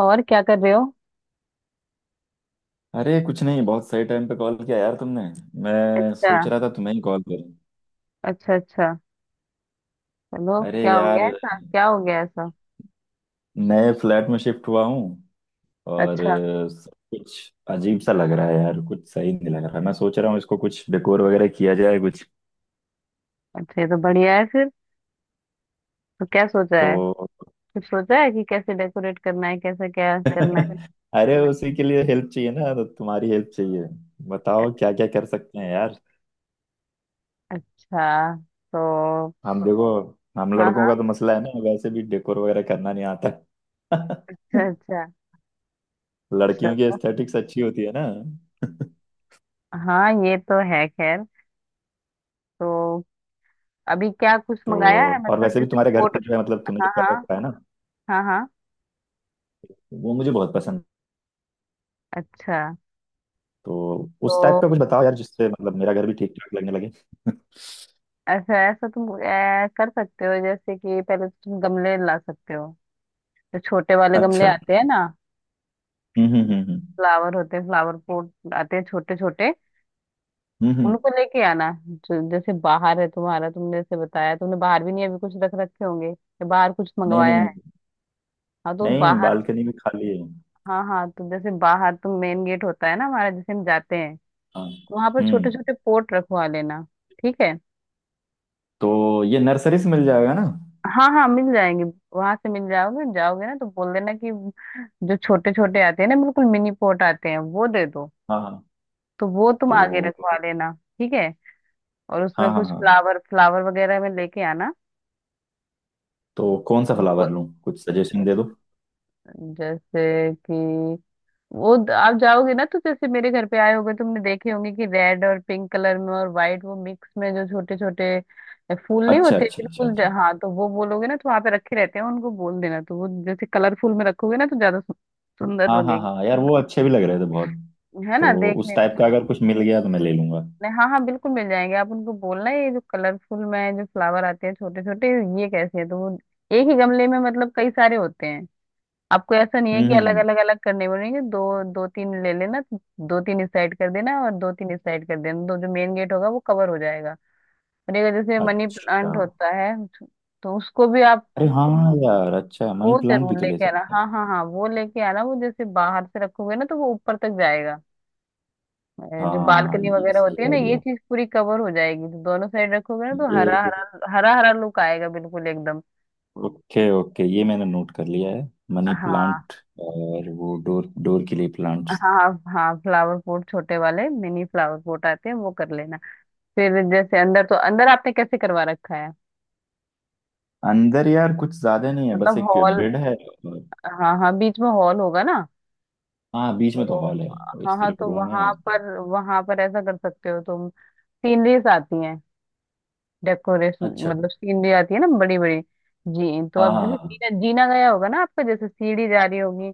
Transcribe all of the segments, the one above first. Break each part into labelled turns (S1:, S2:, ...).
S1: और क्या कर रहे हो।
S2: अरे कुछ नहीं, बहुत सही टाइम पे कॉल किया यार तुमने। मैं
S1: अच्छा।
S2: सोच रहा था तुम्हें ही कॉल करूं।
S1: अच्छा अच्छा। चलो,
S2: अरे
S1: क्या हो
S2: यार,
S1: गया ऐसा, क्या हो गया ऐसा।
S2: नए फ्लैट में शिफ्ट हुआ हूँ और
S1: अच्छा,
S2: सब कुछ अजीब सा लग रहा है यार, कुछ सही नहीं लग रहा है। मैं सोच रहा हूँ इसको कुछ डेकोर वगैरह किया जाए कुछ।
S1: अच्छा ये तो बढ़िया है फिर। तो क्या सोचा है?
S2: तो
S1: कुछ सोचा है कि कैसे डेकोरेट करना है, कैसे क्या करना है?
S2: अरे उसी के लिए हेल्प चाहिए ना, तो तुम्हारी हेल्प चाहिए। बताओ
S1: अच्छा।
S2: क्या क्या कर सकते हैं यार।
S1: अच्छा। तो
S2: हम देखो, हम
S1: हाँ
S2: लड़कों
S1: हाँ।
S2: का तो मसला है ना, वैसे भी डेकोर वगैरह करना नहीं आता।
S1: अच्छा अच्छा।
S2: लड़कियों की
S1: अच्छा।
S2: एस्थेटिक्स अच्छी होती है ना।
S1: हाँ ये तो है खैर। तो अभी क्या कुछ मंगाया है,
S2: तो और
S1: मतलब
S2: वैसे भी
S1: जैसे
S2: तुम्हारे घर
S1: कोट।
S2: पे जो है, मतलब तुमने
S1: हाँ
S2: जो
S1: हाँ।
S2: कर रखा है ना
S1: हाँ हाँ।
S2: वो मुझे बहुत पसंद है।
S1: अच्छा।
S2: तो
S1: तो
S2: उस टाइप का कुछ बताओ यार, जिससे मतलब मेरा घर भी ठीक ठाक लगने लगे।
S1: ऐसा ऐसा तुम कर सकते हो, जैसे कि पहले तो तुम गमले ला सकते हो। जो छोटे वाले गमले
S2: अच्छा।
S1: आते हैं ना,
S2: हम्म।
S1: फ्लावर होते हैं, फ्लावर पॉट आते हैं छोटे छोटे।
S2: हम्म, हम्म।
S1: उनको लेके आना। जो जैसे बाहर है तुम्हारा, तुमने जैसे बताया, तुमने बाहर भी नहीं अभी कुछ रख रखे होंगे, या बाहर कुछ
S2: नहीं नहीं
S1: मंगवाया है?
S2: नहीं।
S1: हाँ तो
S2: नहीं,
S1: बाहर,
S2: बालकनी भी खाली है।
S1: हाँ हाँ, तो जैसे बाहर तो मेन गेट होता है ना हमारा, जैसे हम जाते हैं,
S2: हाँ।
S1: वहां पर छोटे
S2: हम्म।
S1: छोटे पोट रखवा लेना। ठीक है।
S2: तो ये नर्सरी से मिल जाएगा ना?
S1: हाँ हाँ मिल जाएंगे। वहां से मिल जाओगे, जाओगे ना तो बोल देना कि जो छोटे छोटे आते हैं ना, बिल्कुल मिनी पोट आते हैं, वो दे दो।
S2: हाँ हाँ।
S1: तो वो तुम
S2: तो
S1: आगे रखवा लेना। ठीक है। और उसमें
S2: हाँ हाँ
S1: कुछ
S2: हाँ।
S1: फ्लावर फ्लावर वगैरह में लेके आना।
S2: तो कौन सा
S1: तो वो
S2: फ्लावर लूँ, कुछ सजेशन दे दो।
S1: जैसे कि वो आप जाओगे ना तो जैसे मेरे घर पे आए होगे, तुमने देखे होंगे कि रेड और पिंक कलर में और व्हाइट, वो मिक्स में जो छोटे छोटे फूल नहीं
S2: अच्छा
S1: होते,
S2: अच्छा अच्छा
S1: बिल्कुल
S2: अच्छा।
S1: हाँ, तो वो बोलोगे ना तो वहां पे रखे रहते हैं, उनको बोल देना। तो वो जैसे कलरफुल में रखोगे ना, तो ज्यादा सुंदर
S2: हाँ हाँ
S1: लगेगी,
S2: हाँ यार, वो अच्छे भी लग रहे थे बहुत।
S1: है ना
S2: तो
S1: देखने
S2: उस
S1: में।
S2: टाइप का अगर कुछ मिल गया तो मैं ले लूंगा।
S1: हाँ हाँ बिल्कुल मिल जाएंगे। आप उनको बोलना, ये जो कलरफुल में जो फ्लावर आते हैं छोटे छोटे, ये कैसे हैं? तो वो एक ही गमले में मतलब कई सारे होते हैं। आपको ऐसा नहीं है
S2: हम्म
S1: कि
S2: हम्म
S1: अलग
S2: हम्म।
S1: अलग अलग करने पड़ेंगे। दो, दो तीन ले लेना। दो तीन इस साइड कर देना और दो तीन इस साइड कर देना, तो जो मेन गेट होगा वो कवर हो जाएगा। और एक जैसे मनी
S2: अच्छा।
S1: प्लांट होता है, तो उसको भी आप
S2: अरे हाँ यार, अच्छा है, मनी
S1: वो
S2: प्लांट भी
S1: जरूर
S2: तो ले
S1: लेके आना।
S2: सकते हैं।
S1: हाँ हाँ हाँ, वो लेके आना। वो जैसे बाहर से रखोगे ना, तो वो ऊपर तक जाएगा। जो
S2: हाँ,
S1: बालकनी
S2: ये
S1: वगैरह
S2: सही
S1: होती है ना, ये
S2: आइडिया।
S1: चीज पूरी कवर हो जाएगी। तो दोनों साइड रखोगे ना, तो
S2: ये
S1: हरा हरा, हरा हरा लुक आएगा बिल्कुल एकदम।
S2: ओके ओके, ये मैंने नोट कर लिया है। मनी
S1: हाँ
S2: प्लांट। और वो डोर डोर के लिए प्लांट्स।
S1: हाँ हाँ। फ्लावर पॉट छोटे वाले, मिनी फ्लावर पॉट आते हैं, वो कर लेना। फिर जैसे अंदर, तो अंदर आपने कैसे करवा रखा है?
S2: अंदर यार कुछ ज्यादा नहीं है, बस
S1: मतलब
S2: एक
S1: हॉल,
S2: बेड है
S1: हाँ हाँ बीच में हॉल होगा ना।
S2: हाँ, बीच में तो
S1: तो
S2: हॉल है, और
S1: हाँ
S2: इस
S1: हाँ,
S2: तरफ
S1: तो
S2: रूम है।
S1: वहां पर, वहां पर ऐसा कर सकते हो तुम। सीनरीज आती हैं, डेकोरेशन,
S2: अच्छा।
S1: मतलब सीनरी आती है ना बड़ी बड़ी। जी, तो
S2: हाँ
S1: अब
S2: हाँ
S1: जैसे
S2: हाँ।
S1: जीना जीना गया होगा ना आपका, जैसे सीढ़ी जा रही होगी।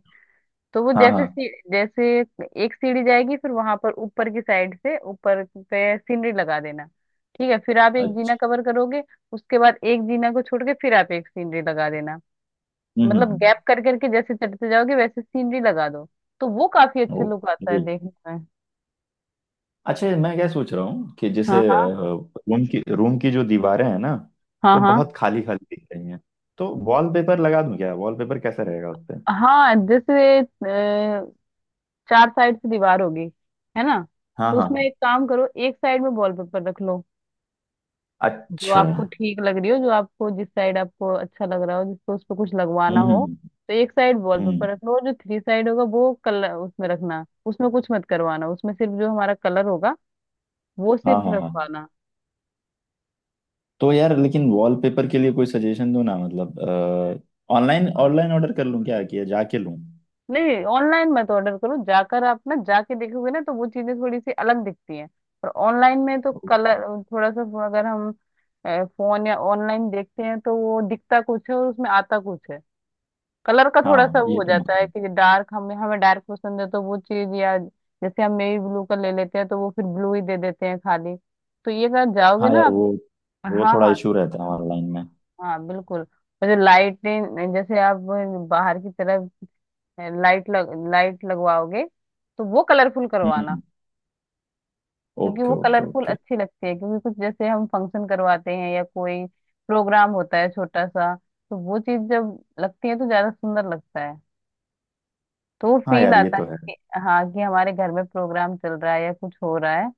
S1: तो वो
S2: हाँ हाँ।
S1: जैसे जैसे एक सीढ़ी जाएगी, फिर वहां पर ऊपर की साइड से ऊपर पे सीनरी लगा देना। ठीक है, फिर आप एक जीना
S2: अच्छा।
S1: कवर करोगे। उसके बाद एक जीना को छोड़ के फिर आप एक सीनरी लगा देना। मतलब
S2: हम्म।
S1: गैप कर करके जैसे चढ़ते जाओगे वैसे सीनरी लगा दो। तो वो काफी अच्छा लुक आता है
S2: ओके।
S1: देखने में।
S2: अच्छा, मैं क्या सोच रहा हूँ कि जैसे
S1: हाँ हाँ।
S2: रूम की जो दीवारें हैं ना
S1: हाँ
S2: वो
S1: हाँ।
S2: बहुत खाली खाली दिख रही हैं। तो वॉलपेपर लगा दूं क्या? वॉलपेपर कैसा रहेगा उस पे?
S1: हाँ जैसे चार साइड से दीवार होगी है ना,
S2: हाँ
S1: तो उसमें
S2: हाँ।
S1: एक काम करो, एक साइड में वॉलपेपर रख लो। जो
S2: अच्छा।
S1: आपको ठीक लग रही हो, जो आपको जिस साइड आपको अच्छा लग रहा हो, जिसको उस पर कुछ लगवाना
S2: हम्म
S1: हो,
S2: हम्म,
S1: तो एक साइड
S2: हम्म।
S1: वॉलपेपर रख लो। और जो थ्री साइड होगा वो कलर उसमें रखना, उसमें कुछ मत करवाना, उसमें सिर्फ जो हमारा कलर होगा वो
S2: हाँ
S1: सिर्फ
S2: हाँ हाँ।
S1: रखवाना।
S2: तो यार लेकिन वॉलपेपर के लिए कोई सजेशन दो ना, मतलब ऑनलाइन ऑनलाइन ऑर्डर कर लूँ क्या, कि जाके लूँ?
S1: नहीं, ऑनलाइन मत ऑर्डर करो। जाकर, आप ना जाके देखोगे ना, तो वो चीजें थोड़ी सी अलग दिखती हैं। और ऑनलाइन में तो कलर, थोड़ा सा अगर हम फोन या ऑनलाइन देखते हैं तो वो दिखता कुछ है और उसमें आता कुछ है। कलर का थोड़ा
S2: हाँ,
S1: सा वो
S2: ये
S1: हो
S2: तो
S1: जाता है
S2: मसला है।
S1: कि डार्क, हमें हमें डार्क पसंद है तो वो चीज, या जैसे हम नेवी ब्लू का ले लेते हैं तो वो फिर ब्लू ही दे देते हैं खाली। तो ये अगर जाओगे
S2: हाँ
S1: ना
S2: यार,
S1: आप,
S2: वो
S1: हाँ
S2: थोड़ा
S1: हाँ
S2: इशू रहता है ऑनलाइन में।
S1: हाँ बिल्कुल। और जो लाइटें जैसे आप बाहर की तरफ लाइट लग, लाइट लगवाओगे, तो वो कलरफुल करवाना।
S2: हम्म।
S1: क्योंकि
S2: ओके
S1: वो
S2: ओके
S1: कलरफुल
S2: ओके।
S1: अच्छी लगती है, क्योंकि कुछ जैसे हम फंक्शन करवाते हैं या कोई प्रोग्राम होता है छोटा सा, तो वो चीज जब लगती है तो ज्यादा सुंदर लगता है। तो वो
S2: हाँ
S1: फील
S2: यार, ये
S1: आता
S2: तो है।
S1: है कि हाँ कि हमारे घर में प्रोग्राम चल रहा है या कुछ हो रहा है।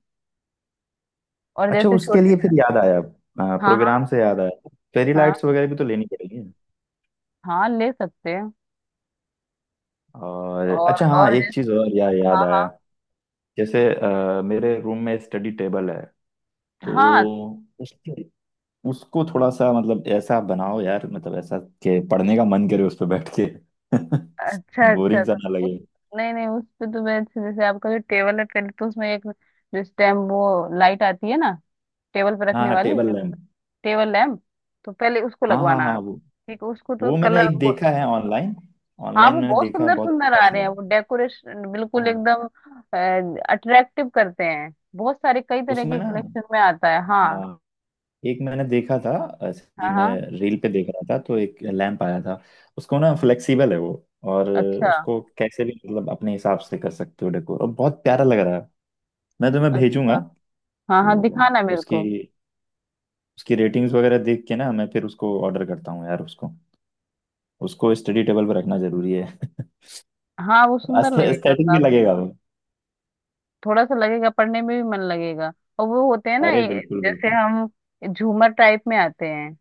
S1: और
S2: अच्छा,
S1: जैसे
S2: उसके
S1: छोटे,
S2: लिए फिर याद आया,
S1: हाँ हाँ।
S2: प्रोग्राम से याद आया, फेरी
S1: हाँ
S2: लाइट्स वगैरह भी तो लेनी पड़ेगी।
S1: हाँ ले सकते हैं।
S2: और अच्छा हाँ,
S1: और
S2: एक चीज़
S1: जैसे
S2: और याद
S1: हाँ हाँ
S2: आया। जैसे मेरे रूम में स्टडी टेबल है। तो
S1: हाँ,
S2: उसके उसको थोड़ा सा, मतलब ऐसा बनाओ यार, मतलब ऐसा कि पढ़ने का मन करे उस पर बैठ के।
S1: अच्छा अच्छा।
S2: बोरिंग सा
S1: तो
S2: ना
S1: उस,
S2: लगे।
S1: नहीं नहीं उस पे तो मैं जैसे आपका जो टेबल है, पहले तो उसमें एक जो स्टैम्प, वो लाइट आती है ना टेबल पे
S2: हाँ
S1: रखने
S2: हाँ,
S1: वाली,
S2: टेबल लैंप।
S1: टेबल लैम्प, तो पहले उसको
S2: हाँ हाँ
S1: लगवाना
S2: हाँ,
S1: आप।
S2: वो
S1: ठीक है, उसको तो
S2: मैंने
S1: कलर
S2: एक
S1: को,
S2: देखा है ऑनलाइन।
S1: हाँ
S2: ऑनलाइन
S1: वो
S2: मैंने
S1: बहुत
S2: देखा है,
S1: सुंदर
S2: बहुत
S1: सुंदर
S2: अच्छा
S1: आ
S2: सा
S1: रहे हैं,
S2: है।
S1: वो डेकोरेशन बिल्कुल
S2: हाँ।
S1: एकदम अट्रैक्टिव करते हैं। बहुत सारे कई तरह
S2: उसमें
S1: की
S2: ना
S1: कलेक्शन में आता है हाँ।
S2: हाँ, एक मैंने देखा था। ऐसे ही
S1: हाँ
S2: मैं
S1: हाँ।
S2: रील पे देख रहा था तो एक लैंप आया था। उसको ना, फ्लेक्सिबल है वो। और
S1: अच्छा।
S2: उसको कैसे भी मतलब अपने हिसाब से कर सकते हो डेकोर, और बहुत प्यारा लग रहा है। मैं तुम्हें भेजूंगा।
S1: अच्छा, हाँ हाँ
S2: तो
S1: दिखाना मेरे
S2: उसकी
S1: को।
S2: उसकी रेटिंग्स वगैरह देख के ना, मैं फिर उसको ऑर्डर करता हूँ यार उसको। उसको स्टडी टेबल पर रखना जरूरी है।
S1: हाँ वो सुंदर लगेगा
S2: एस्थेटिक भी
S1: काफी,
S2: लगेगा वो।
S1: थोड़ा सा लगेगा, पढ़ने में भी मन लगेगा। और वो होते हैं ना
S2: अरे बिल्कुल
S1: जैसे
S2: बिल्कुल।
S1: हम झूमर टाइप में आते हैं,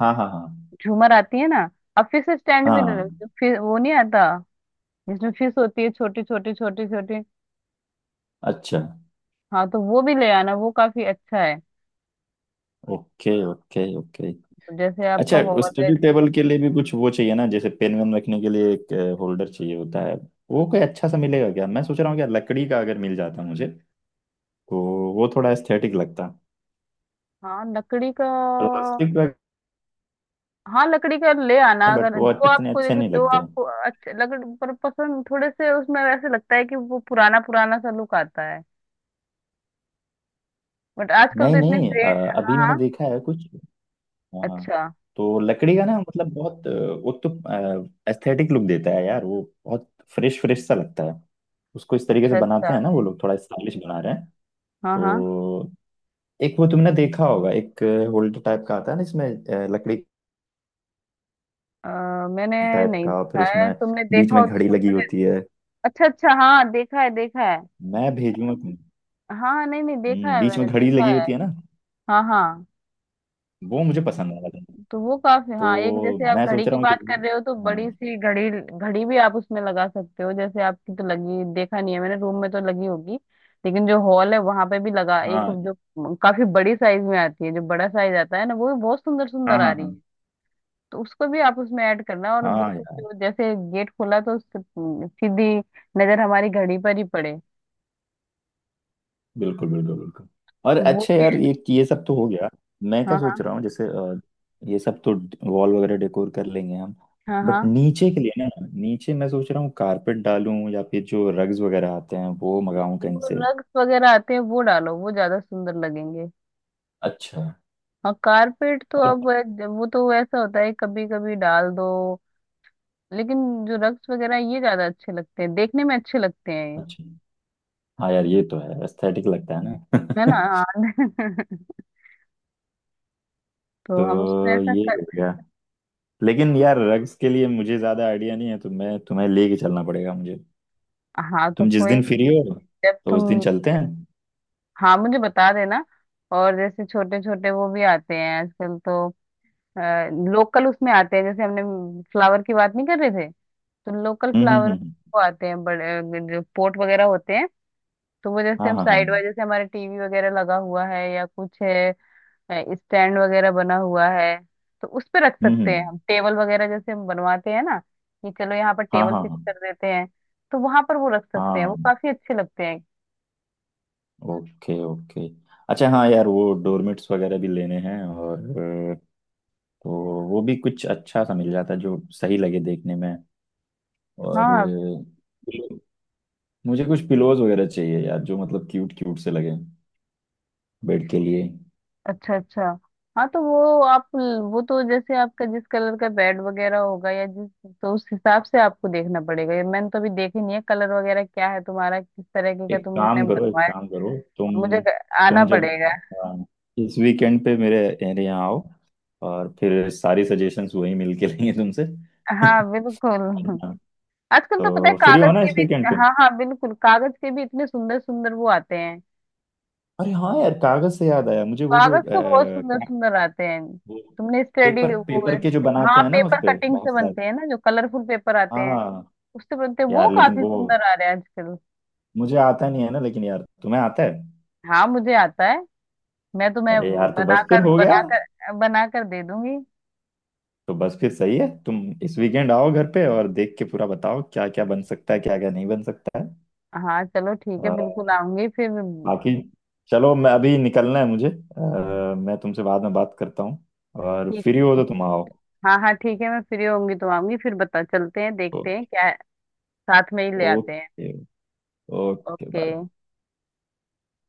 S2: हाँ हाँ हाँ
S1: झूमर आती है ना। अब फिश स्टैंड भी
S2: हाँ।
S1: फिर वो नहीं आता जिसमें फिश होती है छोटी छोटी, छोटी छोटी।
S2: अच्छा।
S1: हाँ तो वो भी ले आना, वो काफी अच्छा है।
S2: Okay okay okay.
S1: तो जैसे
S2: अच्छा,
S1: आपका हॉल है,
S2: स्टडी टेबल के लिए भी कुछ वो चाहिए ना, जैसे पेन वेन रखने के लिए एक होल्डर चाहिए होता है। वो कोई अच्छा सा मिलेगा क्या, मैं सोच रहा हूँ क्या लकड़ी का, अगर मिल जाता मुझे तो वो थोड़ा एस्थेटिक लगता।
S1: हाँ लकड़ी का।
S2: प्लास्टिक का
S1: हाँ लकड़ी का ले आना।
S2: बट
S1: अगर
S2: वो
S1: जो
S2: इतने
S1: आपको
S2: अच्छे
S1: देखो,
S2: नहीं
S1: जो
S2: लगते।
S1: आपको अच्छा लकड़ी पर पसंद, थोड़े से उसमें वैसे लगता है कि वो पुराना पुराना सा लुक आता है, बट आजकल
S2: नहीं
S1: तो इतने
S2: नहीं
S1: ट्रेंड। हाँ
S2: अभी मैंने
S1: हाँ।
S2: देखा है कुछ। हाँ हाँ।
S1: अच्छा
S2: तो लकड़ी का ना, मतलब बहुत वो तो एस्थेटिक लुक देता है यार, वो बहुत फ्रेश फ्रेश सा लगता है। उसको इस तरीके से
S1: अच्छा।
S2: बनाते
S1: अच्छा।
S2: हैं ना, वो लोग थोड़ा स्टाइलिश बना रहे हैं।
S1: हाँ हाँ।
S2: तो एक वो तुमने देखा होगा, एक होल्डर टाइप का आता है ना, इसमें लकड़ी
S1: अ, मैंने
S2: टाइप
S1: नहीं
S2: का, फिर
S1: देखा है,
S2: उसमें
S1: तुमने
S2: बीच
S1: देखा
S2: में
S1: हो तो
S2: घड़ी
S1: तुम
S2: लगी
S1: मुझे।
S2: होती है।
S1: अच्छा अच्छा, हाँ देखा है देखा है।
S2: मैं भेजूंगा तुम्हें।
S1: हाँ नहीं नहीं देखा है,
S2: बीच
S1: मैंने
S2: में घड़ी
S1: देखा
S2: लगी
S1: है।
S2: होती है ना।
S1: हाँ हाँ,
S2: वो मुझे पसंद आया था।
S1: तो वो काफी, हाँ एक
S2: तो
S1: जैसे आप
S2: मैं
S1: घड़ी
S2: सोच
S1: की
S2: रहा हूँ कि
S1: बात कर
S2: वो-
S1: रहे हो तो
S2: हाँ
S1: बड़ी सी घड़ी, घड़ी भी आप उसमें लगा सकते हो। जैसे आपकी तो लगी, देखा नहीं है मैंने, रूम में तो लगी होगी। लेकिन जो हॉल है, वहां पे भी लगा, एक
S2: हाँ
S1: जो काफी बड़ी साइज में आती है, जो बड़ा साइज आता है ना, वो भी बहुत सुंदर
S2: हाँ
S1: सुंदर आ
S2: हाँ
S1: रही
S2: हाँ।
S1: है। तो उसको भी आप उसमें ऐड करना। और
S2: हाँ
S1: बिल्कुल
S2: यार
S1: जो जैसे गेट खोला, तो उससे, सीधी नजर हमारी घड़ी पर ही पड़े।
S2: बिल्कुल बिल्कुल बिल्कुल। और
S1: तो वो
S2: अच्छा
S1: भी
S2: यार, ये सब तो हो गया। मैं क्या
S1: हाँ
S2: सोच
S1: हाँ।
S2: रहा हूँ जैसे ये सब तो वॉल वगैरह डेकोर कर लेंगे हम।
S1: हाँ हाँ।
S2: बट नीचे के लिए ना, नीचे मैं सोच रहा हूँ कारपेट डालूं, या फिर जो रग्स वगैरह आते हैं वो मंगाऊं कहीं
S1: वो
S2: से।
S1: रग्स वगैरह आते हैं, वो डालो, वो ज्यादा सुंदर लगेंगे।
S2: अच्छा।
S1: और कारपेट तो
S2: और
S1: अब वो तो ऐसा होता है, कभी कभी डाल दो, लेकिन जो रग्स वगैरह ये ज्यादा अच्छे लगते हैं देखने में, अच्छे लगते हैं।
S2: अच्छा हाँ यार, ये तो है, एस्थेटिक लगता है
S1: ये है ना
S2: ना।
S1: हाँ तो हम उसमें
S2: तो
S1: ऐसा
S2: ये हो
S1: कर,
S2: गया। लेकिन यार, रग्स के लिए मुझे ज्यादा आइडिया नहीं है, तो मैं तुम्हें लेके, चलना पड़ेगा मुझे।
S1: हाँ तो
S2: तुम जिस
S1: कोई
S2: दिन
S1: नहीं
S2: फ्री
S1: है।
S2: हो
S1: जब
S2: तो उस दिन
S1: तुम,
S2: चलते हैं।
S1: हाँ मुझे बता देना। और जैसे छोटे छोटे वो भी आते हैं आजकल तो, लोकल उसमें आते हैं, जैसे हमने फ्लावर की बात नहीं कर रहे थे, तो लोकल फ्लावर
S2: हम्म।
S1: वो आते हैं बड़े, जो पोट वगैरह होते हैं, तो वो जैसे
S2: हाँ
S1: हम
S2: हाँ
S1: साइड
S2: हाँ।
S1: वाइज जैसे हमारे टीवी वगैरह लगा हुआ है या कुछ है, स्टैंड वगैरह बना हुआ है, तो उस पे रख सकते
S2: हम्म।
S1: हैं। हम टेबल वगैरह जैसे हम बनवाते हैं ना, कि चलो यहाँ पर
S2: हाँ
S1: टेबल
S2: हाँ
S1: फिक्स
S2: हाँ
S1: कर देते हैं, तो वहां पर वो रख सकते हैं, वो
S2: हाँ।
S1: काफी अच्छे लगते हैं।
S2: Okay okay. अच्छा हाँ यार, वो डोरमेट्स वगैरह भी लेने हैं, और तो वो भी कुछ अच्छा सा मिल जाता है जो सही लगे देखने में। और
S1: हाँ।
S2: pillow- मुझे कुछ पिलोज वगैरह चाहिए यार, जो मतलब क्यूट क्यूट से लगे, बेड के लिए।
S1: अच्छा अच्छा। हाँ तो वो आप, वो तो जैसे आपका जिस कलर का बेड वगैरह होगा या जिस, तो उस हिसाब से आपको देखना पड़ेगा। ये मैंने तो अभी देखी नहीं है कलर वगैरह क्या है तुम्हारा, किस तरीके का
S2: एक
S1: तुमने
S2: काम करो, एक
S1: बनवाया।
S2: काम करो तुम।
S1: मुझे आना
S2: तुम जब
S1: पड़ेगा।
S2: अ, इस वीकेंड पे मेरे मेरे यहाँ आओ, और फिर सारी सजेशंस वही मिल के लेंगे तुमसे। है
S1: हाँ बिल्कुल।
S2: ना?
S1: आजकल तो पता है
S2: तो फ्री हो
S1: कागज
S2: ना
S1: के
S2: इस
S1: भी,
S2: वीकेंड तुम?
S1: हाँ हाँ बिल्कुल, कागज के भी इतने सुंदर सुंदर वो आते हैं।
S2: अरे हाँ यार, कागज से याद आया मुझे, वो जो
S1: कागज का बहुत सुंदर
S2: क्या
S1: सुंदर आते हैं।
S2: वो,
S1: तुमने स्टडी
S2: पेपर
S1: वो,
S2: पेपर के जो बनाते
S1: हाँ
S2: हैं ना
S1: पेपर
S2: उसपे
S1: कटिंग
S2: बहुत
S1: से
S2: सारे।
S1: बनते हैं ना, जो कलरफुल पेपर आते
S2: हाँ
S1: हैं
S2: हाँ।
S1: उससे बनते हैं, वो
S2: यार लेकिन
S1: काफी
S2: वो
S1: सुंदर आ रहे हैं आजकल।
S2: मुझे आता नहीं है ना, लेकिन यार तुम्हें आता है।
S1: हाँ मुझे आता है, मैं तुम्हें
S2: अरे यार, तो बस फिर
S1: बनाकर
S2: हो गया।
S1: बनाकर बनाकर दे दूंगी।
S2: तो बस फिर सही है, तुम इस वीकेंड आओ घर पे, और देख के पूरा बताओ क्या क्या बन सकता है, क्या क्या नहीं बन सकता है।
S1: हाँ चलो ठीक है,
S2: अ,
S1: बिल्कुल आऊंगी फिर।
S2: बाकी चलो, मैं अभी निकलना है मुझे, मैं तुमसे बाद में बात करता हूँ। और
S1: ठीक
S2: फ्री हो
S1: है,
S2: तो तुम आओ।
S1: हाँ हाँ ठीक है, मैं फ्री होंगी तो आऊंगी फिर, बता चलते हैं, देखते हैं
S2: ओके।
S1: क्या है, साथ में ही ले आते हैं।
S2: Okay okay bye.
S1: ओके।